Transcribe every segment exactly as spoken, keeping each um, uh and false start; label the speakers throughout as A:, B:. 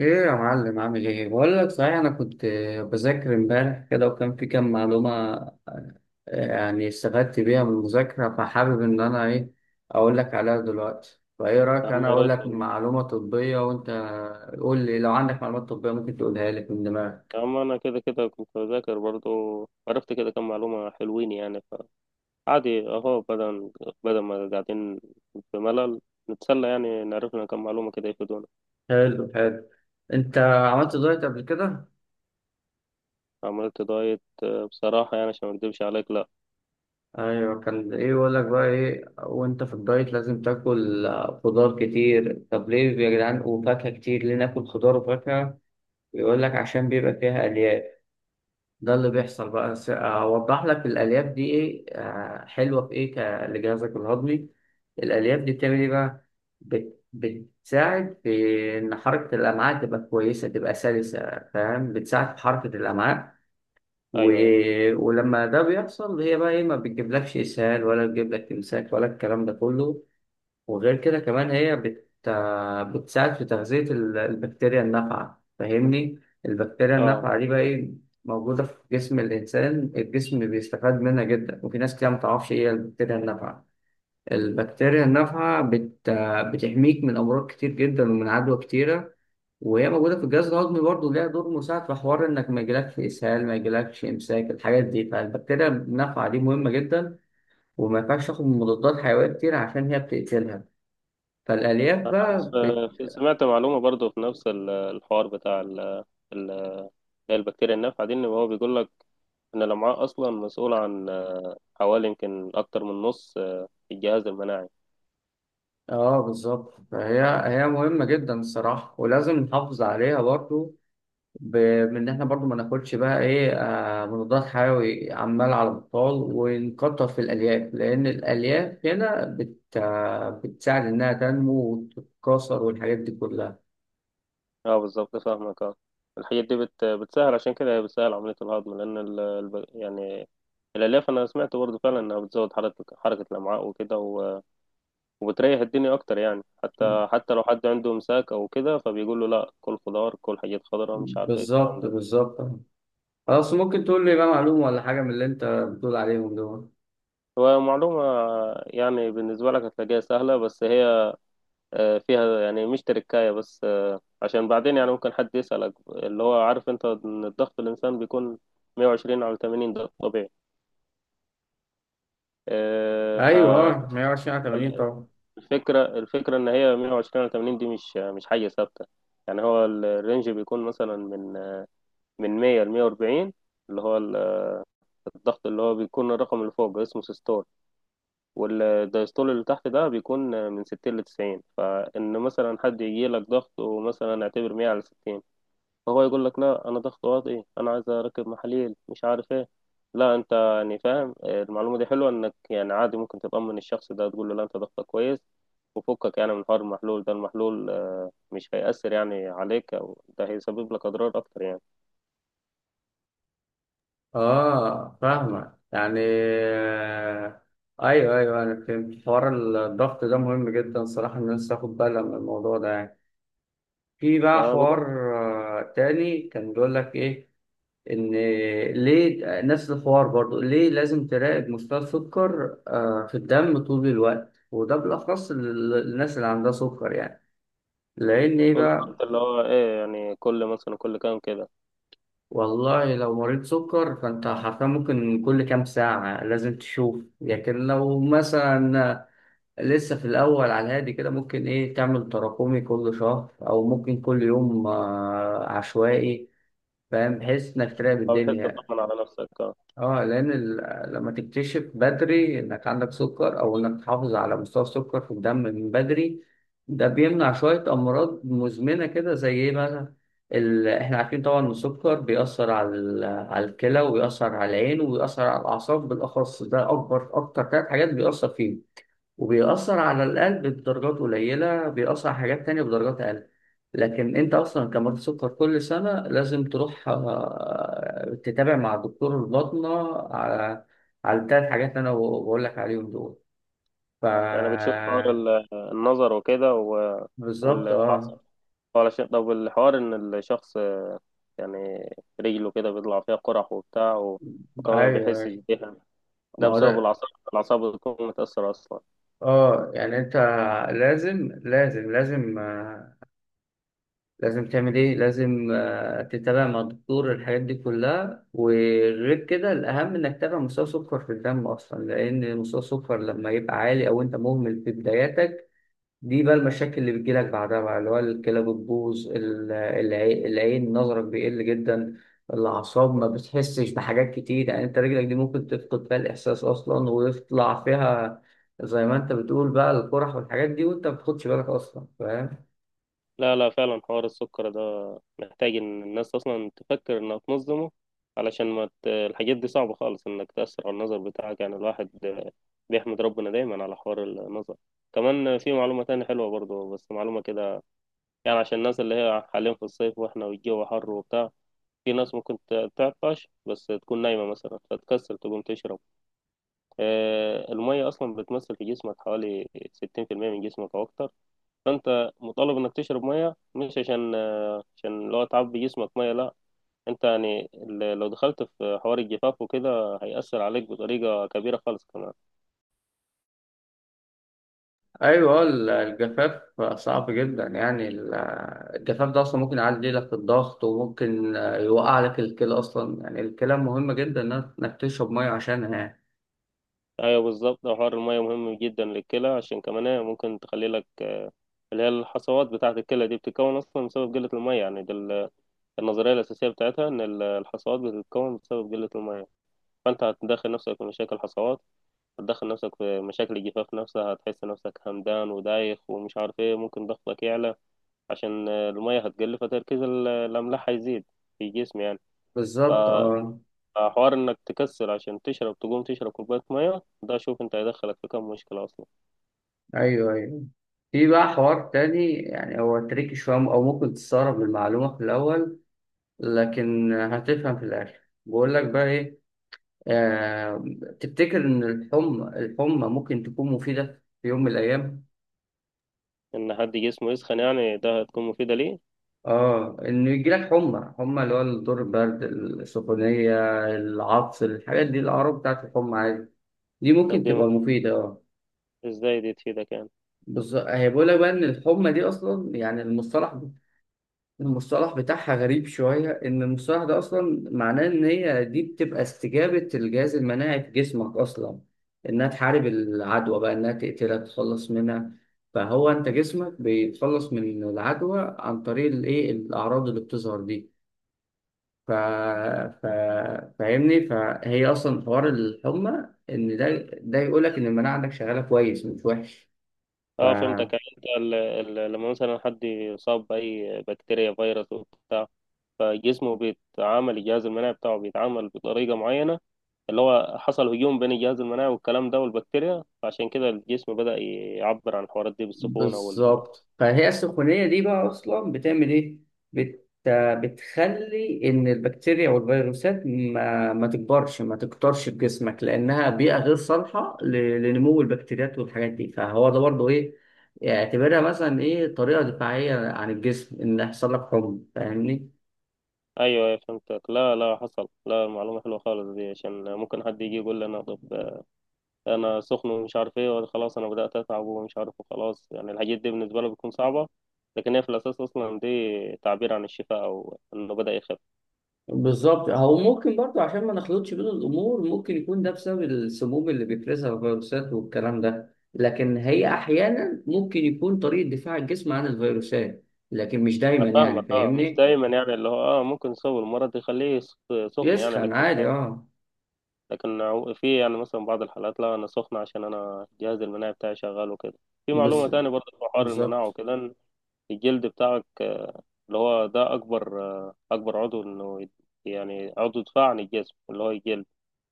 A: ايه يا معلم، عامل ايه؟ بقول لك، صحيح، انا كنت آه، بذاكر امبارح كده وكان في كام معلومه. آه، يعني استفدت بيها من المذاكره، فحابب ان انا ايه اقول لك عليها دلوقتي. فايه رايك؟
B: يا عم
A: انا
B: يا
A: اقول
B: ريت
A: لك
B: والله.
A: معلومه طبيه وانت قول لي لو عندك معلومات طبيه ممكن تقولها لي من دماغك.
B: يا عم انا كده كده كنت بذاكر برضه، عرفت كده كم معلومة حلوين يعني. فعادي اهو بدل بدل ما قاعدين في ملل نتسلى، يعني نعرف لنا كم معلومة كده يفيدونا.
A: حلو حلو. انت عملت دايت قبل كده؟
B: عملت دايت، آه، بصراحة يعني عشان ما اكدبش عليك، لا.
A: ايوه، كان ايه يقول لك بقى؟ ايه وانت في الدايت؟ لازم تاكل آه، خضار كتير. طب ليه يا جدعان؟ وفاكهه كتير، ليه ناكل خضار وفاكهه؟ بيقول لك عشان بيبقى فيها الياف. ده اللي بيحصل بقى. س- اوضح لك الالياف دي ايه آه، حلوه في ايه ك- لجهازك الهضمي. الالياف دي بتعمل ايه بقى؟ بت- بتساعد في ان حركه الامعاء تبقى كويسه، تبقى سلسه. فاهم؟ بتساعد في حركه الامعاء. و...
B: ايوه ايوه،
A: ولما ده بيحصل هي بقى ايه؟ ما بتجيبلكش اسهال ولا بتجيب لك امساك ولا الكلام ده كله. وغير كده كمان هي بت... بتساعد في تغذية ال- البكتيريا النافعة. فاهمني؟ البكتيريا
B: اه.
A: النافعة دي بقى إيه؟ موجودة في جسم الإنسان، الجسم بيستفاد منها جدا، وفي ناس كتير متعرفش إيه هي البكتيريا النافعة. البكتيريا النافعة بت... بتحميك من أمراض كتير جدا ومن عدوى كتيرة، وهي موجودة في الجهاز الهضمي برضه، ليها دور مساعد في حوار إنك ما يجيلكش إسهال، ما يجيلكش إمساك، الحاجات دي. فالبكتيريا النافعة دي مهمة جدا، وما ينفعش تاخد مضادات حيوية كتير عشان هي بتقتلها. فالألياف
B: أنا
A: بقى بت...
B: س- سمعت معلومة برضه في نفس ال- الحوار بتاع ال- ال- البكتيريا النافعة دي، ان هو بيقول لك ان الامعاء اصلا مسؤولة عن آه، حوالي يمكن اكتر من نص آه، الجهاز المناعي.
A: اه بالظبط. فهي هي مهمة جدا الصراحة، ولازم نحافظ عليها برضو ب... بإن احنا برضو ما ناخدش بقى ايه آه مضادات حيوي عمال على بطال، ونكتر في الألياف، لأن الألياف هنا بت... آه بتساعد إنها تنمو وتتكاثر والحاجات دي كلها.
B: اه بالظبط فاهمك، اه. الحاجات دي بت... بتسهل، عشان كده هي بتسهل عملية الهضم، لأن ال... الب- يعني الألياف، أنا سمعت برضه فعلا إنها بتزود حركة حركة الأمعاء وكده، و... وبتريح الدنيا أكتر. يعني حتى حتى لو حد عنده إمساك أو كده، فبيقول له لأ، كل خضار، كل حاجات خضراء، مش عارف إيه الكلام
A: بالظبط
B: ده.
A: بالظبط. خلاص، ممكن تقول لي بقى معلومة ولا حاجة من اللي أنت بتقول عليهم دول؟
B: هو معلومة يعني بالنسبة لك هتلاقيها سهلة، بس هي آه، فيها يعني مش تركاية، بس آه، عشان بعدين يعني ممكن حد يسألك. اللي هو عارف أنت إن الضغط، الإنسان بيكون مية وعشرين على تمانين ده طبيعي، آه،
A: أيوه، مية وعشرين على تمانين طبعا.
B: فالفكرة الفكرة إن هي مية وعشرين على تمانين دي مش مش حاجة ثابتة. يعني هو الرينج بيكون مثلا من من مية ل مية وأربعين اللي هو الضغط، اللي هو بيكون الرقم اللي فوق اسمه سيستول، والدايستول اللي تحت ده بيكون من ستين ل تسعين. فإن مثلا حد يجي لك ضغط ومثلا اعتبر مية على ستين، فهو يقول لك لا انا ضغط واطي، انا عايز اركب محاليل مش عارف ايه، لا انت، يعني فاهم، المعلومه دي حلوه، انك يعني عادي ممكن تطمن الشخص ده، تقول له لا انت ضغطك كويس، وفكك يعني من حوار المحلول ده، المحلول آه، مش هيأثر يعني عليك، او ده هيسبب لك اضرار اكتر يعني.
A: اه فاهمة يعني آه، ايوه ايوه، انا فهمت حوار الضغط ده مهم جدا صراحة، الناس تاخد بالها من الموضوع ده يعني. في بقى
B: ما بقول
A: حوار آه، تاني كان بيقول لك ايه، ان ليه نفس الحوار برضو؟ ليه لازم تراقب مستوى السكر آه، في الدم طول الوقت، وده بالاخص لل- للناس اللي عندها سكر يعني. لان ايه
B: بقول له،
A: بقى؟
B: انت اللي هو ايه يعني، كل مثلا كل كام كده،
A: والله لو مريض سكر فانت حرفيا ممكن كل كام ساعة لازم تشوف، لكن لو مثلا لسه في الأول على الهادي كده ممكن إيه تعمل تراكمي كل شهر أو ممكن كل يوم آه، عشوائي. فاهم؟ بحيث إنك تراقب
B: فبحيث
A: الدنيا.
B: تطمن على نفسك، آه.
A: أه، لأن ال- لما تكتشف بدري إنك عندك سكر، أو إنك تحافظ على مستوى السكر في الدم من بدري، ده بيمنع شوية أمراض مزمنة كده، زي إيه مثلا؟ ال... إحنا عارفين طبعا إن السكر بيأثر على ال... على الكلى، وبيأثر على العين، وبيأثر على الأعصاب بالأخص. ده أكبر أكتر ثلاث حاجات بيأثر فيهم. وبيأثر على القلب بدرجات قليلة، بيأثر على حاجات تانية بدرجات أقل. لكن أنت أصلا كمريض سكر كل سنة لازم تروح آه، تتابع مع دكتور الباطنة على على التلات حاجات اللي أنا بقول لك عليهم دول. ف
B: يعني بتشوف حوار ال- النظر وكده، و-
A: بالظبط أه.
B: والعصب. علشان طب الحوار، ان الشخص يعني رجله كده بيطلع فيها قرح وبتاع، و- وكمان ما بيحسش
A: أيوه.
B: بيها،
A: ما
B: ده
A: هو
B: بسبب
A: ده.
B: الأعصاب، الأعصاب بتكون متأثرة أصلا.
A: أه يعني أنت لازم لازم لازم آه، لازم تعمل ايه؟ لازم آه، تتابع مع الدكتور الحاجات دي كلها، وغير كده الاهم انك تتابع مستوى سكر في الدم اصلا، لان مستوى السكر لما يبقى عالي او انت مهمل في بداياتك، دي بقى المشاكل اللي بتجيلك بعدها بقى، اللي هو الكلى بتبوظ، ال- العي- العين نظرك بيقل جدا، الاعصاب ما بتحسش بحاجات كتير، يعني انت رجلك دي ممكن تفقد فيها الاحساس اصلا، ويطلع فيها زي ما انت بتقول بقى القرح والحاجات دي، وانت ما بتاخدش بالك اصلا. فاهم؟
B: لا لا، فعلا حوار السكر ده محتاج إن الناس أصلا تفكر إنها تنظمه، علشان ما ت... الحاجات دي صعبة خالص، إنك تأثر على النظر بتاعك، يعني الواحد بيحمد ربنا دايما على حوار النظر. كمان في معلومة تانية حلوة برضه، بس معلومة كده يعني عشان الناس اللي هي حاليا في الصيف واحنا والجو حر وبتاع، في ناس ممكن ت- تعطش بس تكون نايمة مثلا، فتكسل تقوم تشرب. آه، المية أصلا بتمثل في جسمك حوالي ستين بالمية من جسمك أو أكتر، فأنت مطالب إنك تشرب مية. مش عشان عشان لو تعبي جسمك مية، لا، أنت يعني ال- لو دخلت في حوار الجفاف وكده هيأثر عليك بطريقة كبيرة خالص كمان.
A: ايوه. آه، ال- الجفاف صعب جدا، يعني ال- الجفاف ده اصلا ممكن يعلي لك الضغط، وممكن آه، يوقع لك الكلى اصلا. يعني الكلى مهمه جدا انك إنك تشرب ميه عشانها يعني.
B: أيوة بالظبط، حوار المية مهم جدا للكلى، عشان كمان هي ممكن تخلي لك، اللي هي الحصوات بتاعة الكلى دي بتتكون أصلا بسبب قلة المية، يعني ده ال- النظرية الأساسية بتاعتها، إن ال- الحصوات بتتكون بسبب قلة المية. فأنت هتدخل نفسك في مشاكل حصوات، هتدخل نفسك في مشاكل الجفاف نفسها، هتحس نفسك همدان ودايخ ومش عارف ايه، ممكن ضغطك يعلى عشان آه، المية هتقل، فتركيز ال- الأملاح هيزيد في الجسم يعني. ف-
A: بالظبط اه.
B: فحوار إنك تكسل عشان تشرب، تقوم تشرب كوباية مية، ده شوف أنت هيدخلك في كم مشكلة أصلا.
A: ايوه ايوه. في بقى حوار تاني، يعني هو تريكي شويه، او ممكن تستغرب المعلومه في الاول لكن هتفهم في الاخر. بقول لك بقى ايه آه تفتكر ان الحمى الحمى ممكن تكون مفيده في يوم من الايام؟
B: إن حد جسمه يسخن يعني، ده هتكون مفيدة ليه؟
A: اه، انه يجيلك حمى حمى، اللي هو الدور، البرد، السخونيه، العطس، الحاجات دي الاعراض بتاعت الحمى عادي، دي
B: ده
A: ممكن
B: بدي
A: تبقى
B: مف-
A: مفيده اه.
B: إزاي دي تفيدك يعني؟
A: بالظبط، هي بقول لك بقى ان الحمى دي اصلا يعني المصطلح المصطلح بتاعها غريب شويه، ان المصطلح ده اصلا معناه ان هي دي بتبقى استجابه الجهاز المناعي في جسمك اصلا، انها تحارب العدوى بقى، انها تقتلها، تتخلص منها. فهو انت جسمك بيتخلص من العدوى عن طريق الايه؟ الاعراض اللي بتظهر دي. ف... ف... فاهمني؟ فهي اصلا حوار الحمى ان ده ده يقول لك ان المناعه عندك شغاله كويس مش وحش. ف
B: اه فهمتك، يعني انت ال- ال- لما مثلا حد يصاب بأي بكتيريا، فيروس وبتاع، فجسمه بيتعامل، الجهاز المناعي بتاعه بيتعامل بطريقة معينة، اللي هو حصل هجوم بين الجهاز المناعي والكلام ده والبكتيريا، فعشان كده الجسم بدأ يعبر عن الحوارات دي بالسخونة وال...
A: بالظبط. فهي السخونيه دي بقى اصلا بتعمل ايه؟ بت... بتخلي ان البكتيريا والفيروسات ما ما تكبرش، ما تكترش في جسمك، لانها بيئه غير صالحه ل... لنمو البكتيريات والحاجات دي. فهو ده برضه ايه، اعتبرها مثلا ايه، طريقه دفاعيه عن الجسم ان يحصل لك حمى. فاهمني؟
B: أيوه أيوة فهمتك. لا لا، حصل، لا، معلومة حلوة خالص دي، عشان ممكن حد يجي يقول لي، أنا طب أنا سخن ومش عارف إيه وخلاص أنا بدأت أتعب ومش عارف، وخلاص، يعني الحاجات دي بالنسبة له بتكون صعبة، لكن هي في الأساس أصلا دي تعبير عن الشفاء أو إنه بدأ يخف.
A: بالظبط، او ممكن برضه عشان ما نخلطش بين الامور، ممكن يكون ده بسبب السموم اللي بيفرزها الفيروسات والكلام ده، لكن هي احيانا ممكن يكون طريقه دفاع الجسم عن الفيروسات، لكن مش دايما
B: أنا
A: يعني.
B: فاهمك، أه مش
A: فاهمني؟
B: دايما، يعني اللي هو أه ممكن يسوي المرض يخليه سخ- سخن يعني،
A: يسخن
B: لكن
A: عادي اه.
B: لكن عو- في يعني مثلا بعض الحالات، لا انا سخنة عشان انا الجهاز المناعي بتاعي شغال وكده. في معلومة
A: بز-
B: تانية برضه في حوار المناعة
A: بالظبط.
B: وكده، إن الجلد بتاعك آه، اللي هو ده اكبر آه، اكبر عضو، انه يت- يعني عضو دفاع عن الجسم، اللي هو الجلد.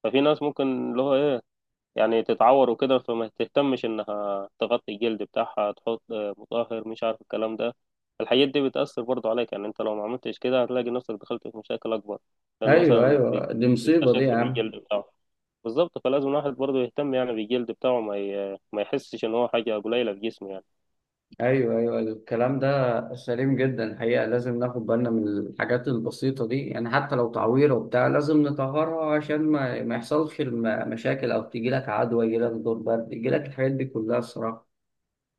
B: ففي ناس ممكن اللي هو ايه، يعني تتعور وكده، فما تهتمش انها تغطي الجلد بتاعها، تحط آه، مطهر مش عارف الكلام ده. الحاجات دي بتأثر برضه عليك، يعني انت لو ما عملتش كده هتلاقي نفسك دخلت في مشاكل اكبر، لانه
A: ايوه
B: مثلا بي-
A: ايوه، دي مصيبه دي يا
B: بيستخف
A: عم.
B: بالجلد بتاعه. بالظبط، فلازم الواحد برضه يهتم يعني بالجلد بتاعه، ما ي... ما يحسش ان هو حاجه قليله في جسمه يعني.
A: ايوه ايوه أيوه. الكلام ده سليم جدا الحقيقه، لازم ناخد بالنا من الحاجات البسيطه دي يعني، حتى لو تعويره وبتاع لازم نطهرها عشان ما ما يحصلش الم- مشاكل، او تيجي لك عدوى، يجي لك دور برد، يجي لك الحاجات دي كلها الصراحه.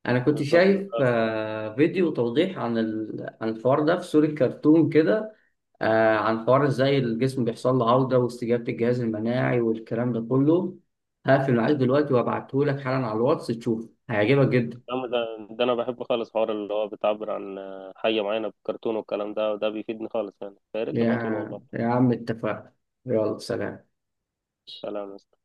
A: انا كنت
B: بالظبط.
A: شايف آه، فيديو توضيح عن ال... عن الحوار ده في سوري كرتون كده، آه، عن حوار ازاي الجسم بيحصل له عوده واستجابه الجهاز المناعي والكلام ده كله. هقفل معاك دلوقتي وابعته لك حالا على الواتس، تشوف هيعجبك جدا.
B: الكلام ده، ده انا بحب خالص حوار اللي هو بتعبر عن حاجه معينه بكرتون والكلام ده، وده بيفيدني خالص يعني، فيا ريت تبعتوله
A: يا
B: والله.
A: يا عم اتفقنا. يلا سلام.
B: سلام.